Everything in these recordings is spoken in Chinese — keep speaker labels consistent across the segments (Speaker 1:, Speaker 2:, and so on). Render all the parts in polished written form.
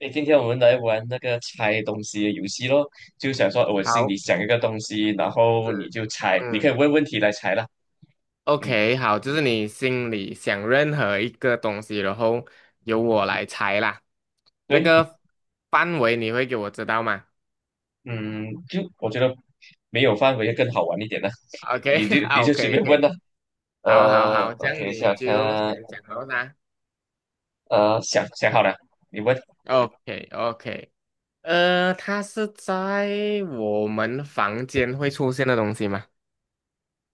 Speaker 1: 诶，今天我们来玩那个猜东西的游戏咯，就想说我心里
Speaker 2: 好，
Speaker 1: 想一个东西，然后你
Speaker 2: 是，
Speaker 1: 就猜，你可以
Speaker 2: 嗯
Speaker 1: 问问题来猜啦。嗯
Speaker 2: ，OK，好，就是你心里想任何一个东西，然后由我
Speaker 1: 嗯，
Speaker 2: 来猜啦。那
Speaker 1: 对，
Speaker 2: 个范围你会给我知道吗
Speaker 1: 嗯，就我觉得没有范围更好玩一点了，
Speaker 2: ？OK，
Speaker 1: 你就 你 就随 便
Speaker 2: 可
Speaker 1: 问
Speaker 2: 以，
Speaker 1: 了。
Speaker 2: 好好好，这样
Speaker 1: OK，
Speaker 2: 你
Speaker 1: 下
Speaker 2: 就
Speaker 1: 看，
Speaker 2: 想讲了啦。
Speaker 1: 想想好了，你问，
Speaker 2: OK，OK，它是在我们房间会出现的东西吗？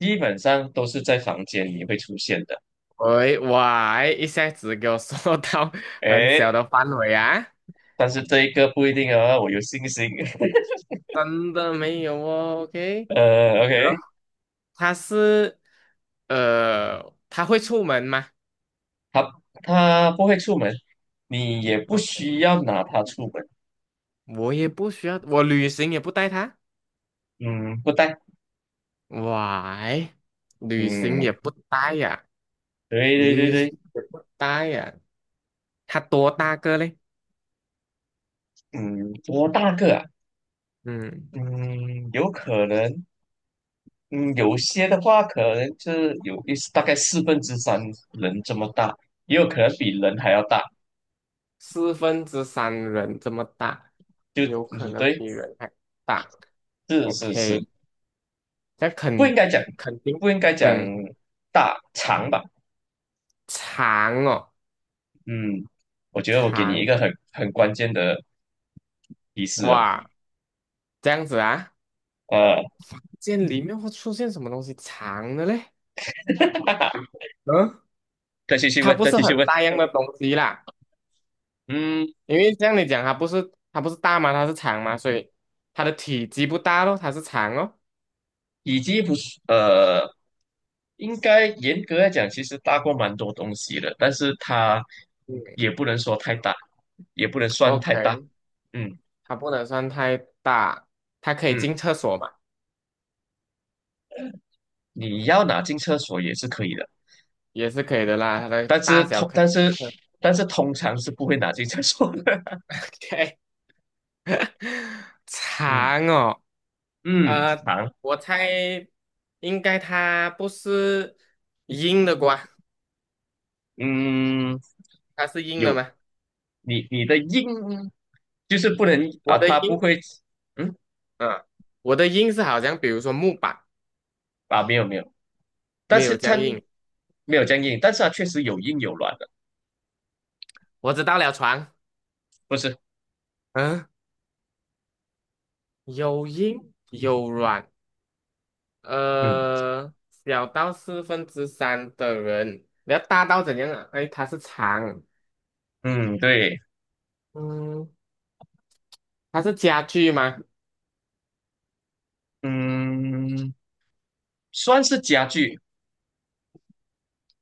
Speaker 1: 基本上都是在房间里会出现的。
Speaker 2: 喂，哇，一下子给我 说到很小
Speaker 1: 诶，
Speaker 2: 的范围啊，
Speaker 1: 但是这一个不一定哦，我有信心。
Speaker 2: 真的没有哦，OK。
Speaker 1: OK。
Speaker 2: 他是呃，他会出门吗
Speaker 1: 它它不会出门，你也不
Speaker 2: ？OK，
Speaker 1: 需要拿它出门。
Speaker 2: 我也不需要，我旅行也不带他。
Speaker 1: 嗯，不带。
Speaker 2: Why？旅行
Speaker 1: 嗯，
Speaker 2: 也不带呀、
Speaker 1: 对对对
Speaker 2: 旅
Speaker 1: 对，
Speaker 2: 行也不带呀、他多大个嘞？
Speaker 1: 嗯，多大个啊？
Speaker 2: 嗯，
Speaker 1: 嗯，有可能，嗯，有些的话可能是有一大概四分之三人这么大，也有可能比人还要大。
Speaker 2: 四分之三人这么大，
Speaker 1: 就
Speaker 2: 有可
Speaker 1: 嗯，
Speaker 2: 能
Speaker 1: 对，
Speaker 2: 比人还大。
Speaker 1: 是是是，
Speaker 2: OK，那
Speaker 1: 不应
Speaker 2: 肯
Speaker 1: 该讲，
Speaker 2: 肯定，
Speaker 1: 不应该讲
Speaker 2: 嗯，
Speaker 1: 大长吧？
Speaker 2: 长哦，
Speaker 1: 嗯，我觉得我给你一
Speaker 2: 长，
Speaker 1: 个很关键的提示啊，
Speaker 2: 哇，这样子啊，
Speaker 1: 呃，
Speaker 2: 这里面会出现什么东西长的嘞？嗯，
Speaker 1: 再继续
Speaker 2: 它
Speaker 1: 问，
Speaker 2: 不
Speaker 1: 再
Speaker 2: 是
Speaker 1: 继续
Speaker 2: 很
Speaker 1: 问。
Speaker 2: 大样的东西啦，
Speaker 1: 嗯，
Speaker 2: 因为像你讲，它不是大吗？它是长吗？所以它的体积不大咯，它是长哦。
Speaker 1: 以及不是应该严格来讲，其实大过蛮多东西的，但是它
Speaker 2: 嗯
Speaker 1: 也不能说太大，也不能算太大。
Speaker 2: ，OK，
Speaker 1: 嗯
Speaker 2: 它不能算太大，它可以
Speaker 1: 嗯，
Speaker 2: 进厕所嘛，
Speaker 1: 你要拿进厕所也是可以的，
Speaker 2: 也是可以的啦，它的
Speaker 1: 但是
Speaker 2: 大小
Speaker 1: 通
Speaker 2: 可以
Speaker 1: 但是但是通常是不会拿进厕所的。
Speaker 2: OK，
Speaker 1: 嗯
Speaker 2: 长哦，
Speaker 1: 嗯，
Speaker 2: 呃，
Speaker 1: 长
Speaker 2: 我猜应该它不是硬的瓜，
Speaker 1: 嗯
Speaker 2: 它是硬的
Speaker 1: 有
Speaker 2: 吗？
Speaker 1: 你的硬就是不能啊，
Speaker 2: 我的
Speaker 1: 它不
Speaker 2: 硬，
Speaker 1: 会嗯
Speaker 2: 嗯，我的硬是好像比如说木板
Speaker 1: 没有没有，但
Speaker 2: 没有
Speaker 1: 是它
Speaker 2: 僵硬，
Speaker 1: 没有这样硬，但是它确实有硬有软的，
Speaker 2: 我知道了，床。
Speaker 1: 不是。
Speaker 2: 嗯，有硬有软，
Speaker 1: 嗯。
Speaker 2: 呃，小到四分之三的人，你要大到怎样啊？哎，它是长，
Speaker 1: 嗯，对，
Speaker 2: 嗯，它是家具吗？
Speaker 1: 嗯，算是家具，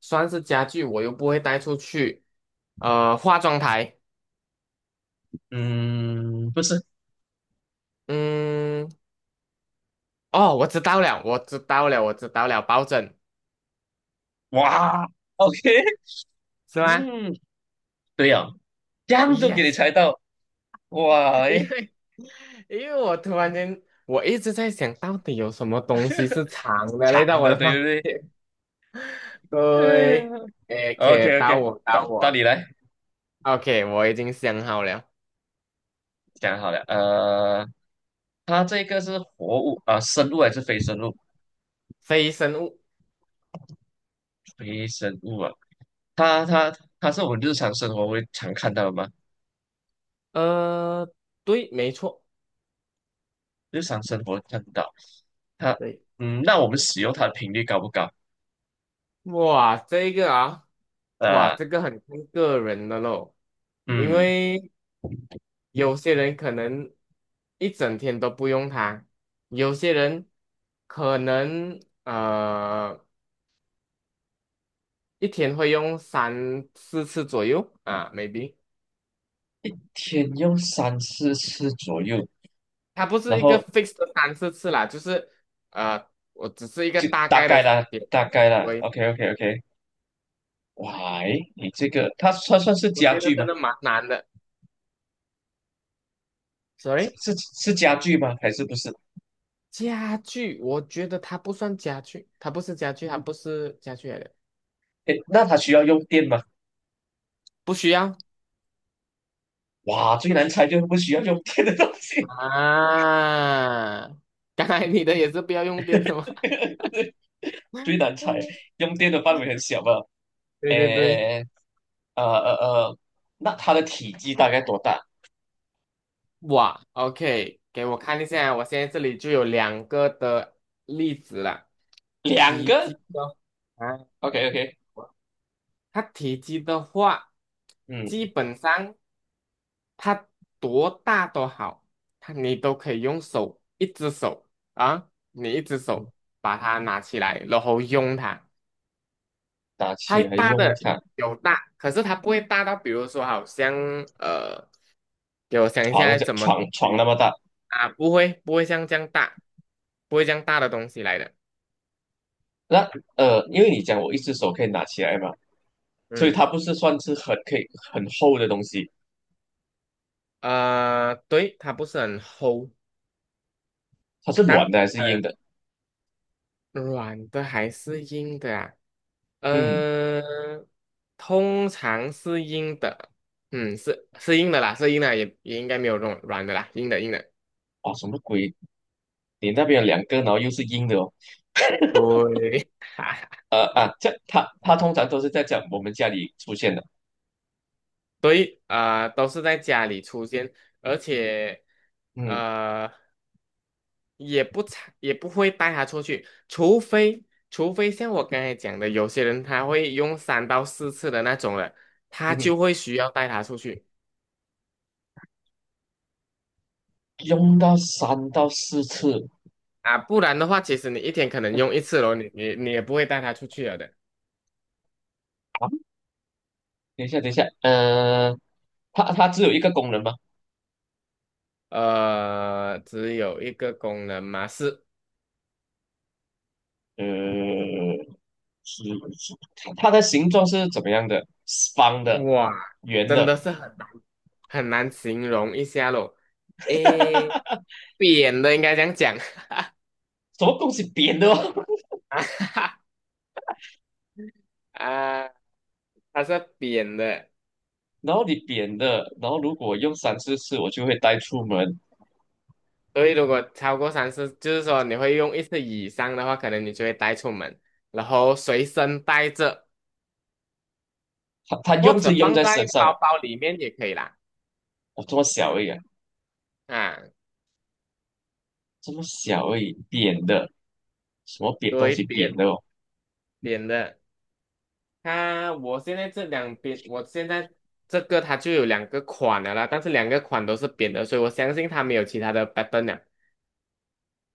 Speaker 2: 算是家具，我又不会带出去。化妆台，
Speaker 1: 嗯，不是，
Speaker 2: 嗯，哦，我知道了，我知道了，我知道了，抱枕
Speaker 1: 哇，OK,
Speaker 2: 是 吗
Speaker 1: 嗯，对呀、哦这样都给你
Speaker 2: ？Yes，
Speaker 1: 猜到，哇，
Speaker 2: 因
Speaker 1: 诶，
Speaker 2: 为因为我突然间，我一直在想到底有什么东西是长的嘞，到
Speaker 1: 长
Speaker 2: 我
Speaker 1: 的，
Speaker 2: 的
Speaker 1: 对不
Speaker 2: 方
Speaker 1: 对？
Speaker 2: 对，
Speaker 1: 嗯
Speaker 2: 诶，可以
Speaker 1: ，OK
Speaker 2: 到
Speaker 1: OK,
Speaker 2: 我
Speaker 1: 到
Speaker 2: 到
Speaker 1: 到你
Speaker 2: 我
Speaker 1: 来
Speaker 2: ，OK，我已经想好了，
Speaker 1: 讲好了，它这个是活物啊、生物还是非生物？
Speaker 2: 非生物，
Speaker 1: 非生物啊，它它它是我们日常生活会常看到的吗？
Speaker 2: 呃，对，没错，
Speaker 1: 日常生活看不到，它，
Speaker 2: 对，
Speaker 1: 嗯，那我们使用它的频率高不高？
Speaker 2: 哇，这个啊，哇，
Speaker 1: 呃，
Speaker 2: 这个很看个人的咯，因
Speaker 1: 嗯。
Speaker 2: 为有些人可能一整天都不用它，有些人可能一天会用三四次左右啊，maybe。
Speaker 1: 天用三四次左右，
Speaker 2: 它不
Speaker 1: 然
Speaker 2: 是一个
Speaker 1: 后
Speaker 2: fix 的三四次啦，就是呃，我只是一个
Speaker 1: 就
Speaker 2: 大
Speaker 1: 大
Speaker 2: 概
Speaker 1: 概
Speaker 2: 的
Speaker 1: 啦，
Speaker 2: 点。
Speaker 1: 大概啦
Speaker 2: 对，
Speaker 1: ，OK OK OK,哇，诶，你这个它算是
Speaker 2: 我
Speaker 1: 家
Speaker 2: 觉得
Speaker 1: 具
Speaker 2: 真
Speaker 1: 吗？
Speaker 2: 的蛮难的。
Speaker 1: 是
Speaker 2: Sorry，
Speaker 1: 是家具吗？还是不是？
Speaker 2: 家具，我觉得它不算家具，它不是家具，它不是家具来的，
Speaker 1: 诶，那它需要用电吗？
Speaker 2: 不需要
Speaker 1: 哇，最难猜就是不需要用电的东西，
Speaker 2: 啊。刚才你的也是不要用电的吗？
Speaker 1: 最难猜，
Speaker 2: 嗯
Speaker 1: 用电的范围很小吧？
Speaker 2: 对对对，
Speaker 1: 诶，呃呃呃，那它的体积大概多大？
Speaker 2: 哇，OK，给我看一下，我现在这里就有两个的例子了。
Speaker 1: 两
Speaker 2: 体
Speaker 1: 个
Speaker 2: 积哦，啊。
Speaker 1: ？OK OK,
Speaker 2: 它体积的话，
Speaker 1: 嗯
Speaker 2: 基本上它多大都好，它你都可以用手，一只手啊，你一只
Speaker 1: 嗯，
Speaker 2: 手把它拿起来，然后用它。
Speaker 1: 打起
Speaker 2: 太
Speaker 1: 来
Speaker 2: 大
Speaker 1: 用
Speaker 2: 的
Speaker 1: 它，
Speaker 2: 有大，可是它不会大到，比如说好像呃，给我想一
Speaker 1: 床
Speaker 2: 下
Speaker 1: 这
Speaker 2: 怎么
Speaker 1: 床床那
Speaker 2: 举
Speaker 1: 么大。
Speaker 2: 啊，不会像这样大，不会这样大的东西来的。
Speaker 1: 那因为你讲我一只手可以拿起来嘛，所以
Speaker 2: 嗯，
Speaker 1: 它不是算是很可以很厚的东西，
Speaker 2: 对，它不是很厚，
Speaker 1: 它是软
Speaker 2: 但
Speaker 1: 的还是硬
Speaker 2: 呃
Speaker 1: 的？
Speaker 2: 软的还是硬的啊？
Speaker 1: 嗯，
Speaker 2: 呃，通常是硬的，嗯，是硬的啦，是硬的，也应该没有这种软的啦，硬的硬的。
Speaker 1: 啊，什么鬼？你那边有两个，然后又是硬的哦。
Speaker 2: 对，
Speaker 1: 这它通常都是在讲我们家里出现的。
Speaker 2: 所以都是在家里出现，而且
Speaker 1: 嗯
Speaker 2: 呃，也不常也不会带它出去，除非像我刚才讲的，有些人他会用三到四次的那种了，他
Speaker 1: 嗯哼，
Speaker 2: 就会需要带它出去。
Speaker 1: 用到三到四次
Speaker 2: 啊，不然的话，其实你一天可能用一次咯，你也不会带它出去了的。
Speaker 1: 啊！等一下，等一下，它只有一个功能吗？
Speaker 2: 只有一个功能嘛，是
Speaker 1: 呃，是是它的形状是怎么样的？是方的、
Speaker 2: 哇，
Speaker 1: 圆
Speaker 2: 真
Speaker 1: 的。
Speaker 2: 的是很难很难形容一下咯。诶，扁的应该这样讲
Speaker 1: 什么东西扁的哦？
Speaker 2: 啊哈哈 啊，它是扁的，
Speaker 1: 然后你扁的，然后如果用三四次，我就会带出门。
Speaker 2: 所以如果超过三次，就是说你会用一次以上的话，可能你就会带出门，然后随身带着，
Speaker 1: 它
Speaker 2: 或
Speaker 1: 用是
Speaker 2: 者
Speaker 1: 用
Speaker 2: 放
Speaker 1: 在身
Speaker 2: 在
Speaker 1: 上
Speaker 2: 包
Speaker 1: 啊，
Speaker 2: 包里面也可以啦。
Speaker 1: 我、这么小而已啊，
Speaker 2: 啊，
Speaker 1: 这么小而已，扁的，什么扁东
Speaker 2: 对，
Speaker 1: 西扁
Speaker 2: 扁
Speaker 1: 的哦？
Speaker 2: 扁的。它我现在这两边，我现在这个它就有两个款的啦，但是两个款都是扁的，所以我相信它没有其他的版本 了。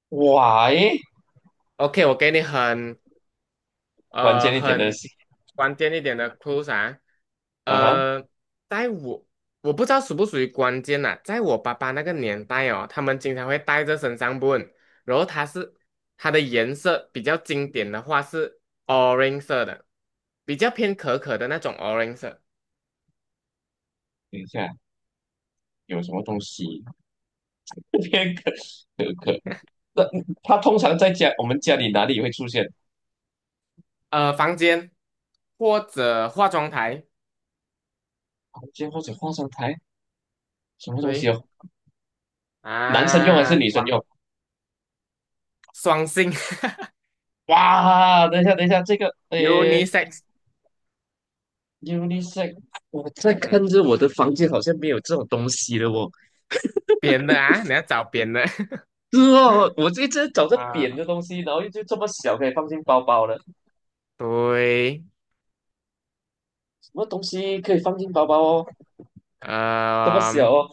Speaker 1: 哇诶，
Speaker 2: OK，我给你很
Speaker 1: 关
Speaker 2: 呃
Speaker 1: 键一点的
Speaker 2: 很
Speaker 1: 是
Speaker 2: 关键一点的 clues 啊，
Speaker 1: 啊哈，
Speaker 2: 呃，在我不知道属不属于关键呐、在我爸爸那个年代哦，他们经常会带着身上 然后它的颜色比较经典的话是 orange 色的，比较偏可可的那种 orange 色。
Speaker 1: 等一下有什么东西？偏可可，那它通常在家我们家里哪里会出现？
Speaker 2: 房间或者化妆台，
Speaker 1: 房间或者化妆台？什么东西
Speaker 2: 对
Speaker 1: 哦？男生用还是
Speaker 2: 啊，
Speaker 1: 女生
Speaker 2: 哇，
Speaker 1: 用？
Speaker 2: 双性
Speaker 1: 哇，等一下等一下，这个。
Speaker 2: unisex，
Speaker 1: Unisex,我在看
Speaker 2: 嗯，
Speaker 1: 着我的房间好像没有这种东西了哦。
Speaker 2: 扁的啊，你要找扁的
Speaker 1: 是哦，我这一直在找 着扁
Speaker 2: 啊，
Speaker 1: 的东西，然后就这么小可以放进包包了。什
Speaker 2: 对，
Speaker 1: 么东西可以放进包包哦？这么
Speaker 2: 呃，
Speaker 1: 小哦？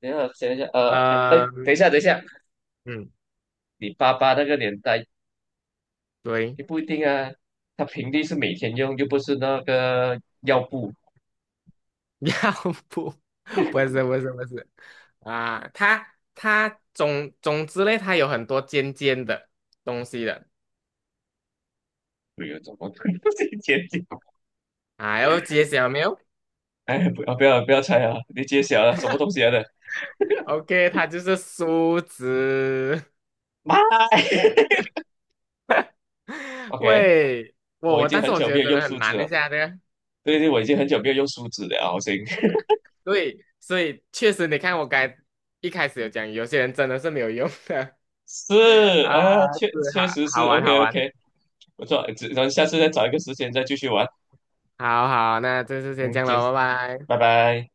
Speaker 1: 等一下，等一下，哎，
Speaker 2: 呃，
Speaker 1: 等一下，等一下，
Speaker 2: 嗯，
Speaker 1: 你爸爸那个年代
Speaker 2: 对，
Speaker 1: 也不一定啊。他平地是每天用，又不是那个药布。
Speaker 2: 要不，不是不是不是啊，它总之类，它有很多尖尖的东西的
Speaker 1: 没有，怎么 可能是一天天？
Speaker 2: 啊，要揭晓没有
Speaker 1: 哎，不要不要不要猜啊！你揭晓了，什么东西来的？
Speaker 2: ？OK，它就是梳子。
Speaker 1: 妈 ，OK,
Speaker 2: 喂，我
Speaker 1: 我已
Speaker 2: 我，
Speaker 1: 经
Speaker 2: 但是
Speaker 1: 很
Speaker 2: 我
Speaker 1: 久
Speaker 2: 觉
Speaker 1: 没
Speaker 2: 得
Speaker 1: 有
Speaker 2: 真
Speaker 1: 用
Speaker 2: 的
Speaker 1: 数
Speaker 2: 很
Speaker 1: 字
Speaker 2: 难一
Speaker 1: 了。
Speaker 2: 嗯下的，
Speaker 1: 对对，我已经很久没有用梳子了，好像
Speaker 2: 对，所以确实你看我该一开始有讲，有些人真的是没有用的
Speaker 1: 是
Speaker 2: 啊，
Speaker 1: 啊，
Speaker 2: 是好
Speaker 1: 实是
Speaker 2: 好玩好
Speaker 1: OK
Speaker 2: 玩，
Speaker 1: OK,不错，只咱下次再找一个时间再继续玩，
Speaker 2: 好好，那这次先
Speaker 1: 嗯，
Speaker 2: 这样
Speaker 1: 见，
Speaker 2: 了，拜拜。
Speaker 1: 拜拜。